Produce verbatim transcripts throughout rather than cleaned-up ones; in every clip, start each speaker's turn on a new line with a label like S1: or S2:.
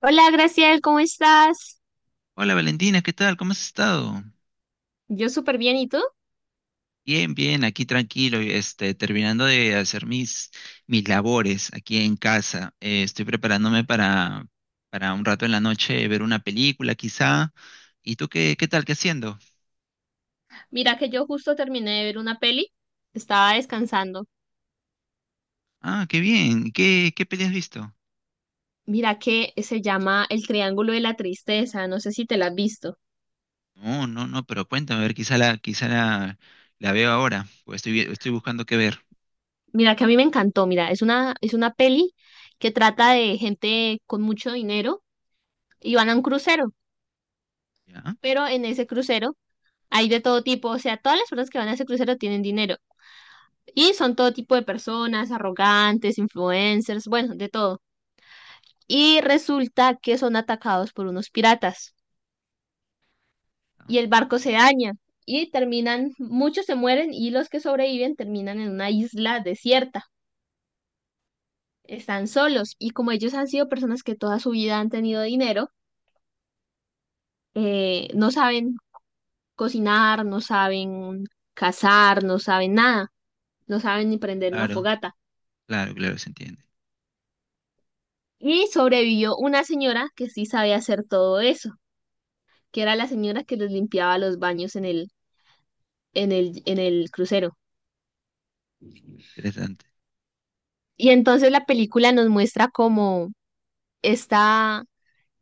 S1: Hola, Graciel, ¿cómo estás?
S2: Hola Valentina, ¿qué tal? ¿Cómo has estado?
S1: Yo súper bien, ¿y tú?
S2: Bien, bien, aquí tranquilo, este, terminando de hacer mis, mis labores aquí en casa. Eh, estoy preparándome para, para un rato en la noche ver una película quizá. ¿Y tú qué, qué tal? ¿Qué haciendo?
S1: Mira que yo justo terminé de ver una peli, estaba descansando.
S2: Ah, qué bien. ¿Qué, qué peli has visto?
S1: Mira que se llama El Triángulo de la Tristeza, no sé si te la has visto.
S2: No, no, no, pero cuéntame, a ver, quizá la, quizá la, la veo ahora, porque estoy, vi- estoy buscando qué ver.
S1: Mira que a mí me encantó, mira, es una, es una peli que trata de gente con mucho dinero y van a un crucero,
S2: ¿Ya?
S1: pero en ese crucero hay de todo tipo, o sea, todas las personas que van a ese crucero tienen dinero y son todo tipo de personas, arrogantes, influencers, bueno, de todo. Y resulta que son atacados por unos piratas
S2: Ah,
S1: y el barco se daña y terminan, muchos se mueren y los que sobreviven terminan en una isla desierta. Están solos y como ellos han sido personas que toda su vida han tenido dinero, eh, no saben cocinar, no saben cazar, no saben nada, no saben ni prender una
S2: claro,
S1: fogata.
S2: claro, claro, se entiende.
S1: Y sobrevivió una señora que sí sabía hacer todo eso, que era la señora que les limpiaba los baños en el, en el, en el crucero.
S2: Interesante.
S1: Y entonces la película nos muestra como está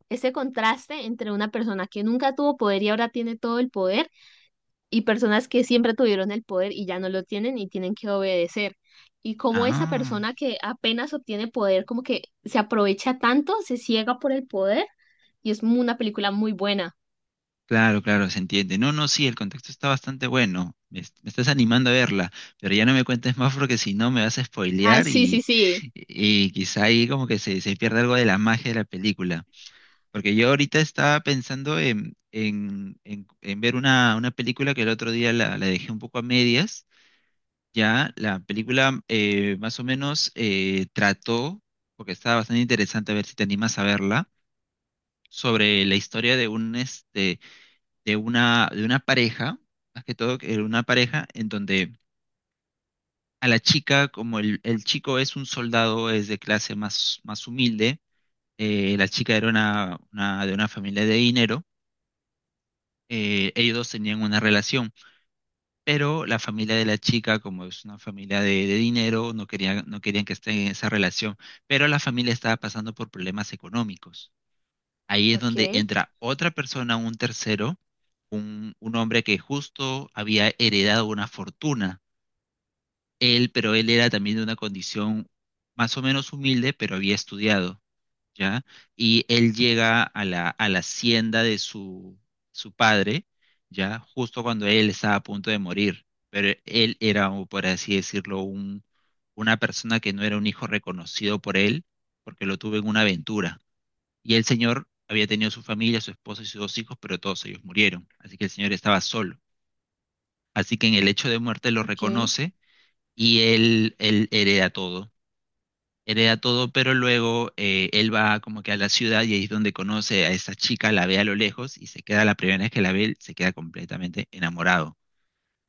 S1: ese contraste entre una persona que nunca tuvo poder y ahora tiene todo el poder y personas que siempre tuvieron el poder y ya no lo tienen y tienen que obedecer. Y cómo esa
S2: Ah.
S1: persona que apenas obtiene poder como que se aprovecha tanto, se ciega por el poder y es mu- una película muy buena.
S2: Claro, claro, se entiende. No, no, sí, el contexto está bastante bueno. Me, est- me estás animando a verla, pero ya no me cuentes más porque si no me vas a
S1: Ah,
S2: spoilear
S1: sí, sí,
S2: y,
S1: sí.
S2: y quizá ahí como que se, se pierde algo de la magia de la película. Porque yo ahorita estaba pensando en, en, en- en ver una, una película que el otro día la, la dejé un poco a medias. Ya la película eh, más o menos eh, trató, porque estaba bastante interesante a ver si te animas a verla, sobre la historia de un este de una, de una pareja, más que todo, que era una pareja en donde a la chica, como el, el chico es un soldado, es de clase más, más humilde, eh, la chica era una, una- de una familia de dinero, eh, ellos dos tenían una relación, pero la familia de la chica, como es una familia de, de dinero, no querían, no querían que estén en esa relación, pero la familia estaba pasando por problemas económicos. Ahí es donde
S1: Ok,
S2: entra otra persona, un tercero, un, un hombre que justo había heredado una fortuna. Él, pero él era también de una condición más o menos humilde, pero había estudiado, ¿ya? Y él llega a la, a la hacienda de su, su padre, ¿ya? Justo cuando él estaba a punto de morir. Pero él era, o por así decirlo, un, una persona que no era un hijo reconocido por él, porque lo tuvo en una aventura. Y el señor había tenido su familia, su esposa y sus dos hijos, pero todos ellos murieron. Así que el señor estaba solo. Así que en el hecho de muerte lo
S1: ok.
S2: reconoce y él, él hereda todo. Hereda todo, pero luego eh, él va como que a la ciudad y ahí es donde conoce a esa chica, la ve a lo lejos y se queda, la primera vez que la ve, se queda completamente enamorado.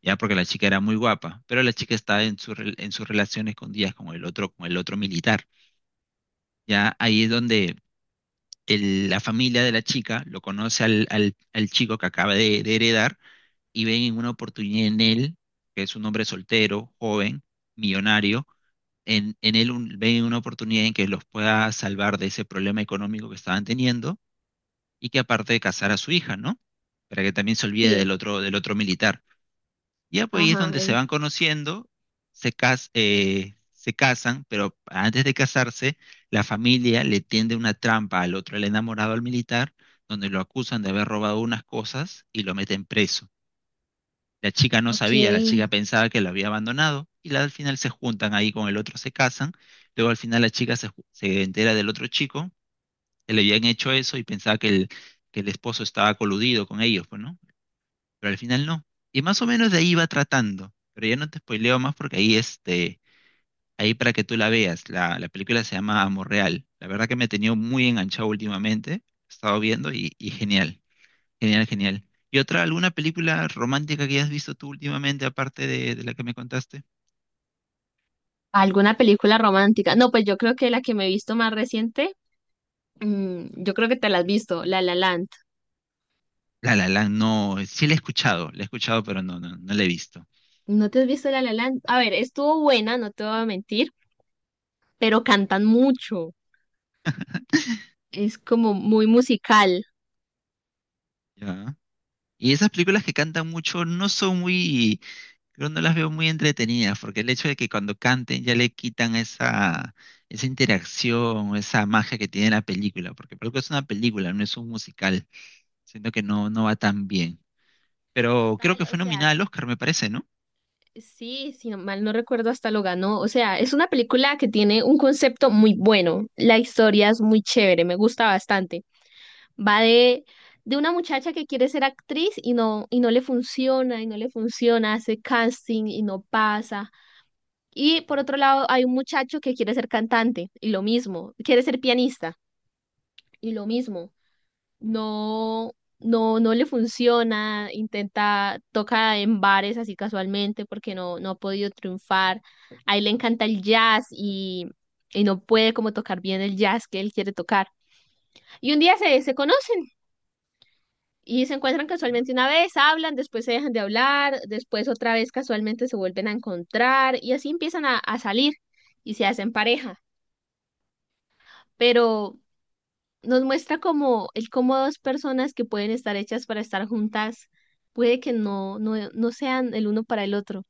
S2: Ya porque la chica era muy guapa, pero la chica estaba en, su, rel- en sus relaciones escondidas con el otro, con el otro militar. Ya ahí es donde el- la familia de la chica lo conoce al, al- al chico que acaba de, de heredar y ven una oportunidad en él, que es un hombre soltero, joven, millonario, en, en él un- ven una oportunidad en que los pueda salvar de ese problema económico que estaban teniendo y que aparte de casar a su hija, ¿no? Para que también se olvide del
S1: Sí,
S2: otro, del otro militar. Ya pues ahí es
S1: ajá.
S2: donde se
S1: en-
S2: van conociendo, se cas- eh, se casan, pero antes de casarse, la familia le tiende una trampa al otro, el enamorado al militar, donde lo acusan de haber robado unas cosas y lo meten preso. La chica no
S1: Ok.
S2: sabía, la chica pensaba que lo había abandonado y la- al final se juntan ahí con el otro, se casan. Luego al final la chica se, ju- se entera del otro chico que le habían hecho eso y pensaba que el, que el esposo estaba coludido con ellos, pues, ¿no? Pero al final no. Y más o menos de ahí va tratando, pero ya no te spoileo más porque ahí este, ahí para que tú la veas, la, la película se llama Amor Real. La verdad que me he tenido muy enganchado últimamente, he estado viendo y, y genial, genial, genial. ¿Y otra, alguna película romántica que hayas visto tú últimamente, aparte de, de la que me contaste?
S1: ¿Alguna película romántica? No, pues yo creo que la que me he visto más reciente. Mm, yo creo que te la has visto, La La Land.
S2: La La Land, no, sí la he escuchado, la he escuchado, pero no, no, no la he visto.
S1: ¿No te has visto La La Land? A ver, estuvo buena, no te voy a mentir, pero cantan mucho. Es como muy musical.
S2: ¿Ya? Y esas películas que cantan mucho no son muy. Pero no las veo muy entretenidas, porque el hecho de que cuando canten ya le quitan esa, esa interacción, o esa magia que tiene la película, porque por algo es una película, no es un musical. Siento que no, no va tan bien. Pero creo
S1: Total,
S2: que
S1: o
S2: fue
S1: sea,
S2: nominada al Oscar, me parece, ¿no?
S1: sí, si no- mal no recuerdo, hasta lo ganó. O sea, es una película que tiene un concepto muy bueno. La historia es muy chévere, me gusta bastante. Va de, de una muchacha que quiere ser actriz y no, y no le funciona, y no le funciona, hace casting y no pasa. Y por otro lado, hay un muchacho que quiere ser cantante y lo mismo, quiere ser pianista y lo mismo. No, no, no le funciona, intenta, toca en bares así casualmente porque no, no ha podido triunfar. A él le encanta el jazz y, y no puede como tocar bien el jazz que él quiere tocar. Y un día se, se conocen y se encuentran
S2: ¿Ya?
S1: casualmente una vez, hablan, después se dejan de hablar, después otra vez casualmente se vuelven a encontrar y así empiezan a, a salir y se hacen pareja. Pero nos muestra como el cómo dos personas que pueden estar hechas para estar juntas puede que no, no, no sean el uno para el otro.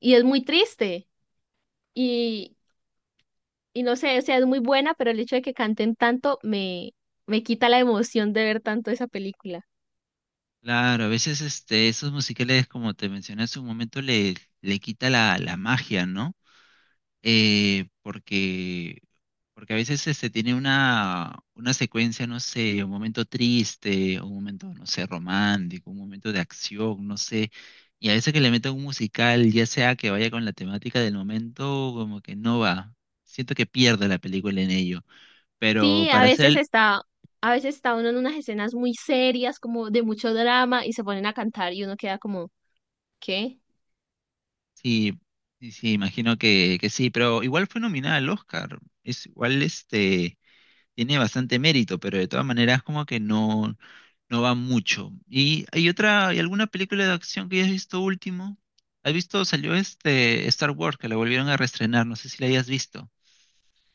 S1: Y es muy triste y, y no sé, o sea, es muy buena, pero el hecho de que canten tanto me, me quita la emoción de ver tanto esa película.
S2: Claro, a veces este, esos musicales, como te mencioné hace un momento, le, le quita la, la magia, ¿no? eh, porque, porque a veces este, tiene una, una secuencia, no sé, un momento triste, un momento, no sé, romántico, un momento de acción, no sé, y a veces que le meten un musical, ya sea que vaya con la temática del momento, como que no va. Siento que pierde la película en ello, pero
S1: Sí, a
S2: para
S1: veces
S2: hacer,
S1: está, a veces está uno en unas escenas muy serias, como de mucho drama, y se ponen a cantar y uno queda como, ¿qué?
S2: sí, sí, sí, imagino que, que sí, pero igual fue nominada al Oscar, es igual este... tiene bastante mérito, pero de todas maneras como que no, no va mucho. ¿Y hay otra, hay alguna película de acción que hayas visto último? ¿Has visto? Salió este Star Wars, que la volvieron a reestrenar, no sé si la hayas visto.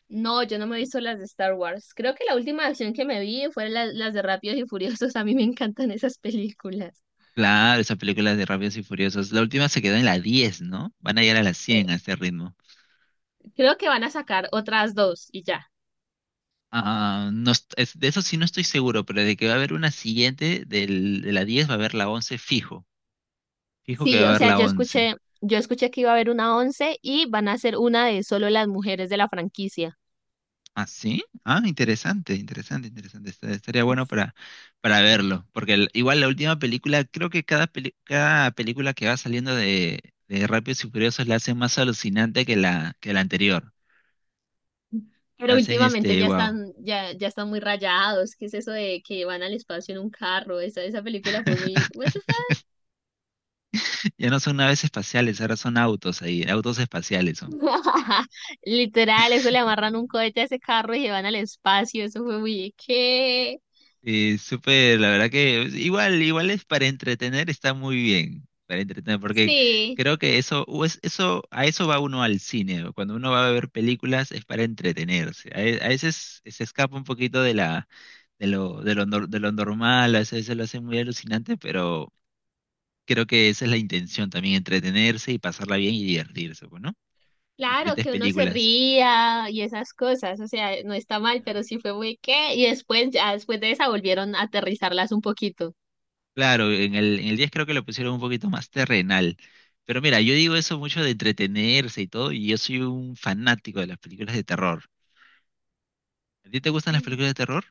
S1: No, yo no me he visto las de Star Wars. Creo que la última acción que me vi fue la- las de Rápidos y Furiosos. A mí me encantan esas películas.
S2: Claro, esa película de Rápidos y Furiosos. La última se quedó en la diez, ¿no? Van a llegar a las
S1: Eh,
S2: cien a este ritmo.
S1: creo que van a sacar otras dos y ya.
S2: Ah, no, est- es- de eso sí no estoy seguro, pero de que va a haber una siguiente del- de la diez va a haber la once fijo. Fijo que va
S1: Sí,
S2: a
S1: o
S2: haber
S1: sea,
S2: la
S1: yo
S2: once.
S1: escuché, yo escuché que iba a haber una once y van a hacer una de solo las mujeres de la franquicia.
S2: ¿Ah, sí? Ah, interesante, interesante, interesante. Está- Estaría bueno para, para verlo. Porque el- igual la última película, creo que cada, peli- cada película que va saliendo de, de Rápidos y Furiosos la hacen más alucinante que la, que la anterior.
S1: Pero
S2: La hacen
S1: últimamente
S2: este,
S1: ya
S2: wow.
S1: están, ya, ya están muy rayados. ¿Qué es eso de que van al espacio en un carro? Esa, esa película fue muy, what the
S2: Ya no son naves espaciales, ahora son autos ahí, autos espaciales son.
S1: Literal, eso le amarran un cohete a ese carro y se van al espacio. Eso fue muy qué,
S2: Sí, súper, la verdad que es- igual, igual es para entretener, está muy bien, para entretener, porque
S1: sí,
S2: creo que eso, o es- eso, a eso va uno al cine, o cuando uno va a ver películas es para entretenerse, a, ve- a veces se escapa un poquito de la, de lo, de lo, nor- de lo normal, a veces se lo hace muy alucinante, pero creo que esa es la intención también, entretenerse y pasarla bien y divertirse, pues, ¿no?
S1: claro
S2: Diferentes
S1: que uno se
S2: películas.
S1: ría y esas cosas, o sea, no está mal, pero sí fue muy qué y después ya después de esa volvieron a aterrizarlas un poquito.
S2: Claro, en el, en el diez creo que lo pusieron un poquito más terrenal. Pero mira, yo digo eso mucho de entretenerse y todo, y yo soy un fanático de las películas de terror. ¿A ti te gustan las
S1: Mm.
S2: películas de terror?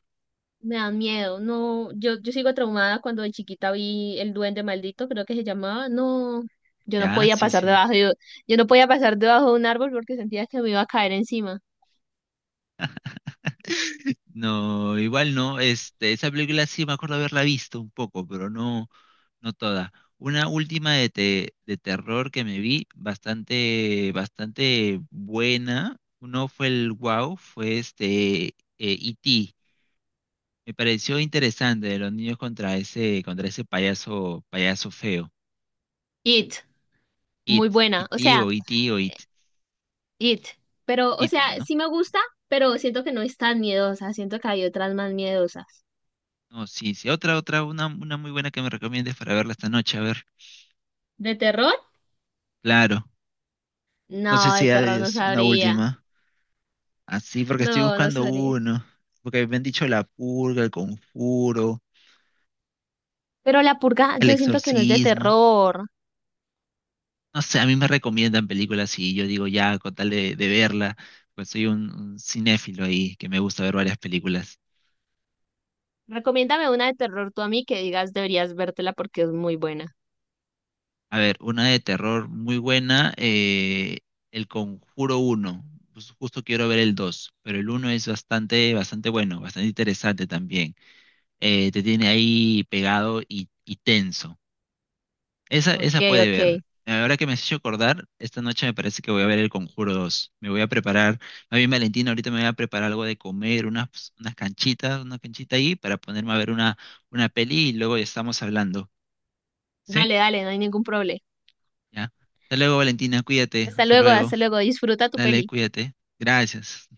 S1: Me dan miedo. No, yo yo sigo traumada cuando de chiquita vi el duende maldito, creo que se llamaba. No, yo no
S2: Ya,
S1: podía
S2: sí,
S1: pasar
S2: sí.
S1: debajo yo, yo no podía pasar debajo de un árbol porque sentía que me iba a caer encima.
S2: No, igual no. Este, esa película sí me acuerdo haberla visto un poco, pero no, no toda. Una última de, te- de terror que me vi, bastante, bastante buena. Uno fue el Wow, fue este eh, E T. Me pareció interesante de los niños contra ese, contra ese payaso, payaso feo.
S1: It,
S2: It,
S1: muy buena,
S2: it,
S1: o sea,
S2: o it, o it,
S1: It. Pero, o
S2: it,
S1: sea,
S2: ¿no?
S1: sí me gusta, pero siento que no es tan miedosa. Siento que hay otras más miedosas.
S2: No, sí, sí. Otra, otra, una, una muy buena que me recomiendes para verla esta noche. A ver,
S1: ¿De terror?
S2: claro. No sé
S1: No, de
S2: si
S1: terror no
S2: es una
S1: sabría.
S2: última. Así, porque estoy
S1: No, no
S2: buscando
S1: sabría.
S2: uno. Porque me han dicho La Purga, El Conjuro,
S1: Pero La Purga,
S2: El
S1: yo siento que no es de
S2: Exorcismo.
S1: terror.
S2: No sé, a mí me recomiendan películas y yo digo ya, con tal de, de verla, pues soy un, un cinéfilo ahí que me gusta ver varias películas.
S1: Recomiéndame una de terror tú a mí que digas deberías vértela porque es muy buena.
S2: A ver, una de terror muy buena, eh, El Conjuro uno. Pues justo quiero ver el dos, pero el uno es bastante, bastante bueno, bastante interesante también. Eh, te tiene ahí pegado y, y tenso. Esa,
S1: Ok,
S2: esa puede
S1: ok.
S2: ver. Ahora que me has hecho acordar, esta noche me parece que voy a ver El Conjuro dos. Me voy a preparar, más bien Valentina, ahorita me voy a preparar algo de comer, unas, unas canchitas, una canchita ahí para ponerme a ver una, una peli y luego ya estamos hablando. ¿Sí?
S1: Dale, dale, no hay ningún problema.
S2: Ya. Hasta luego, Valentina, cuídate.
S1: Hasta
S2: Hasta
S1: luego,
S2: luego.
S1: hasta luego. Disfruta tu
S2: Dale,
S1: peli.
S2: cuídate. Gracias.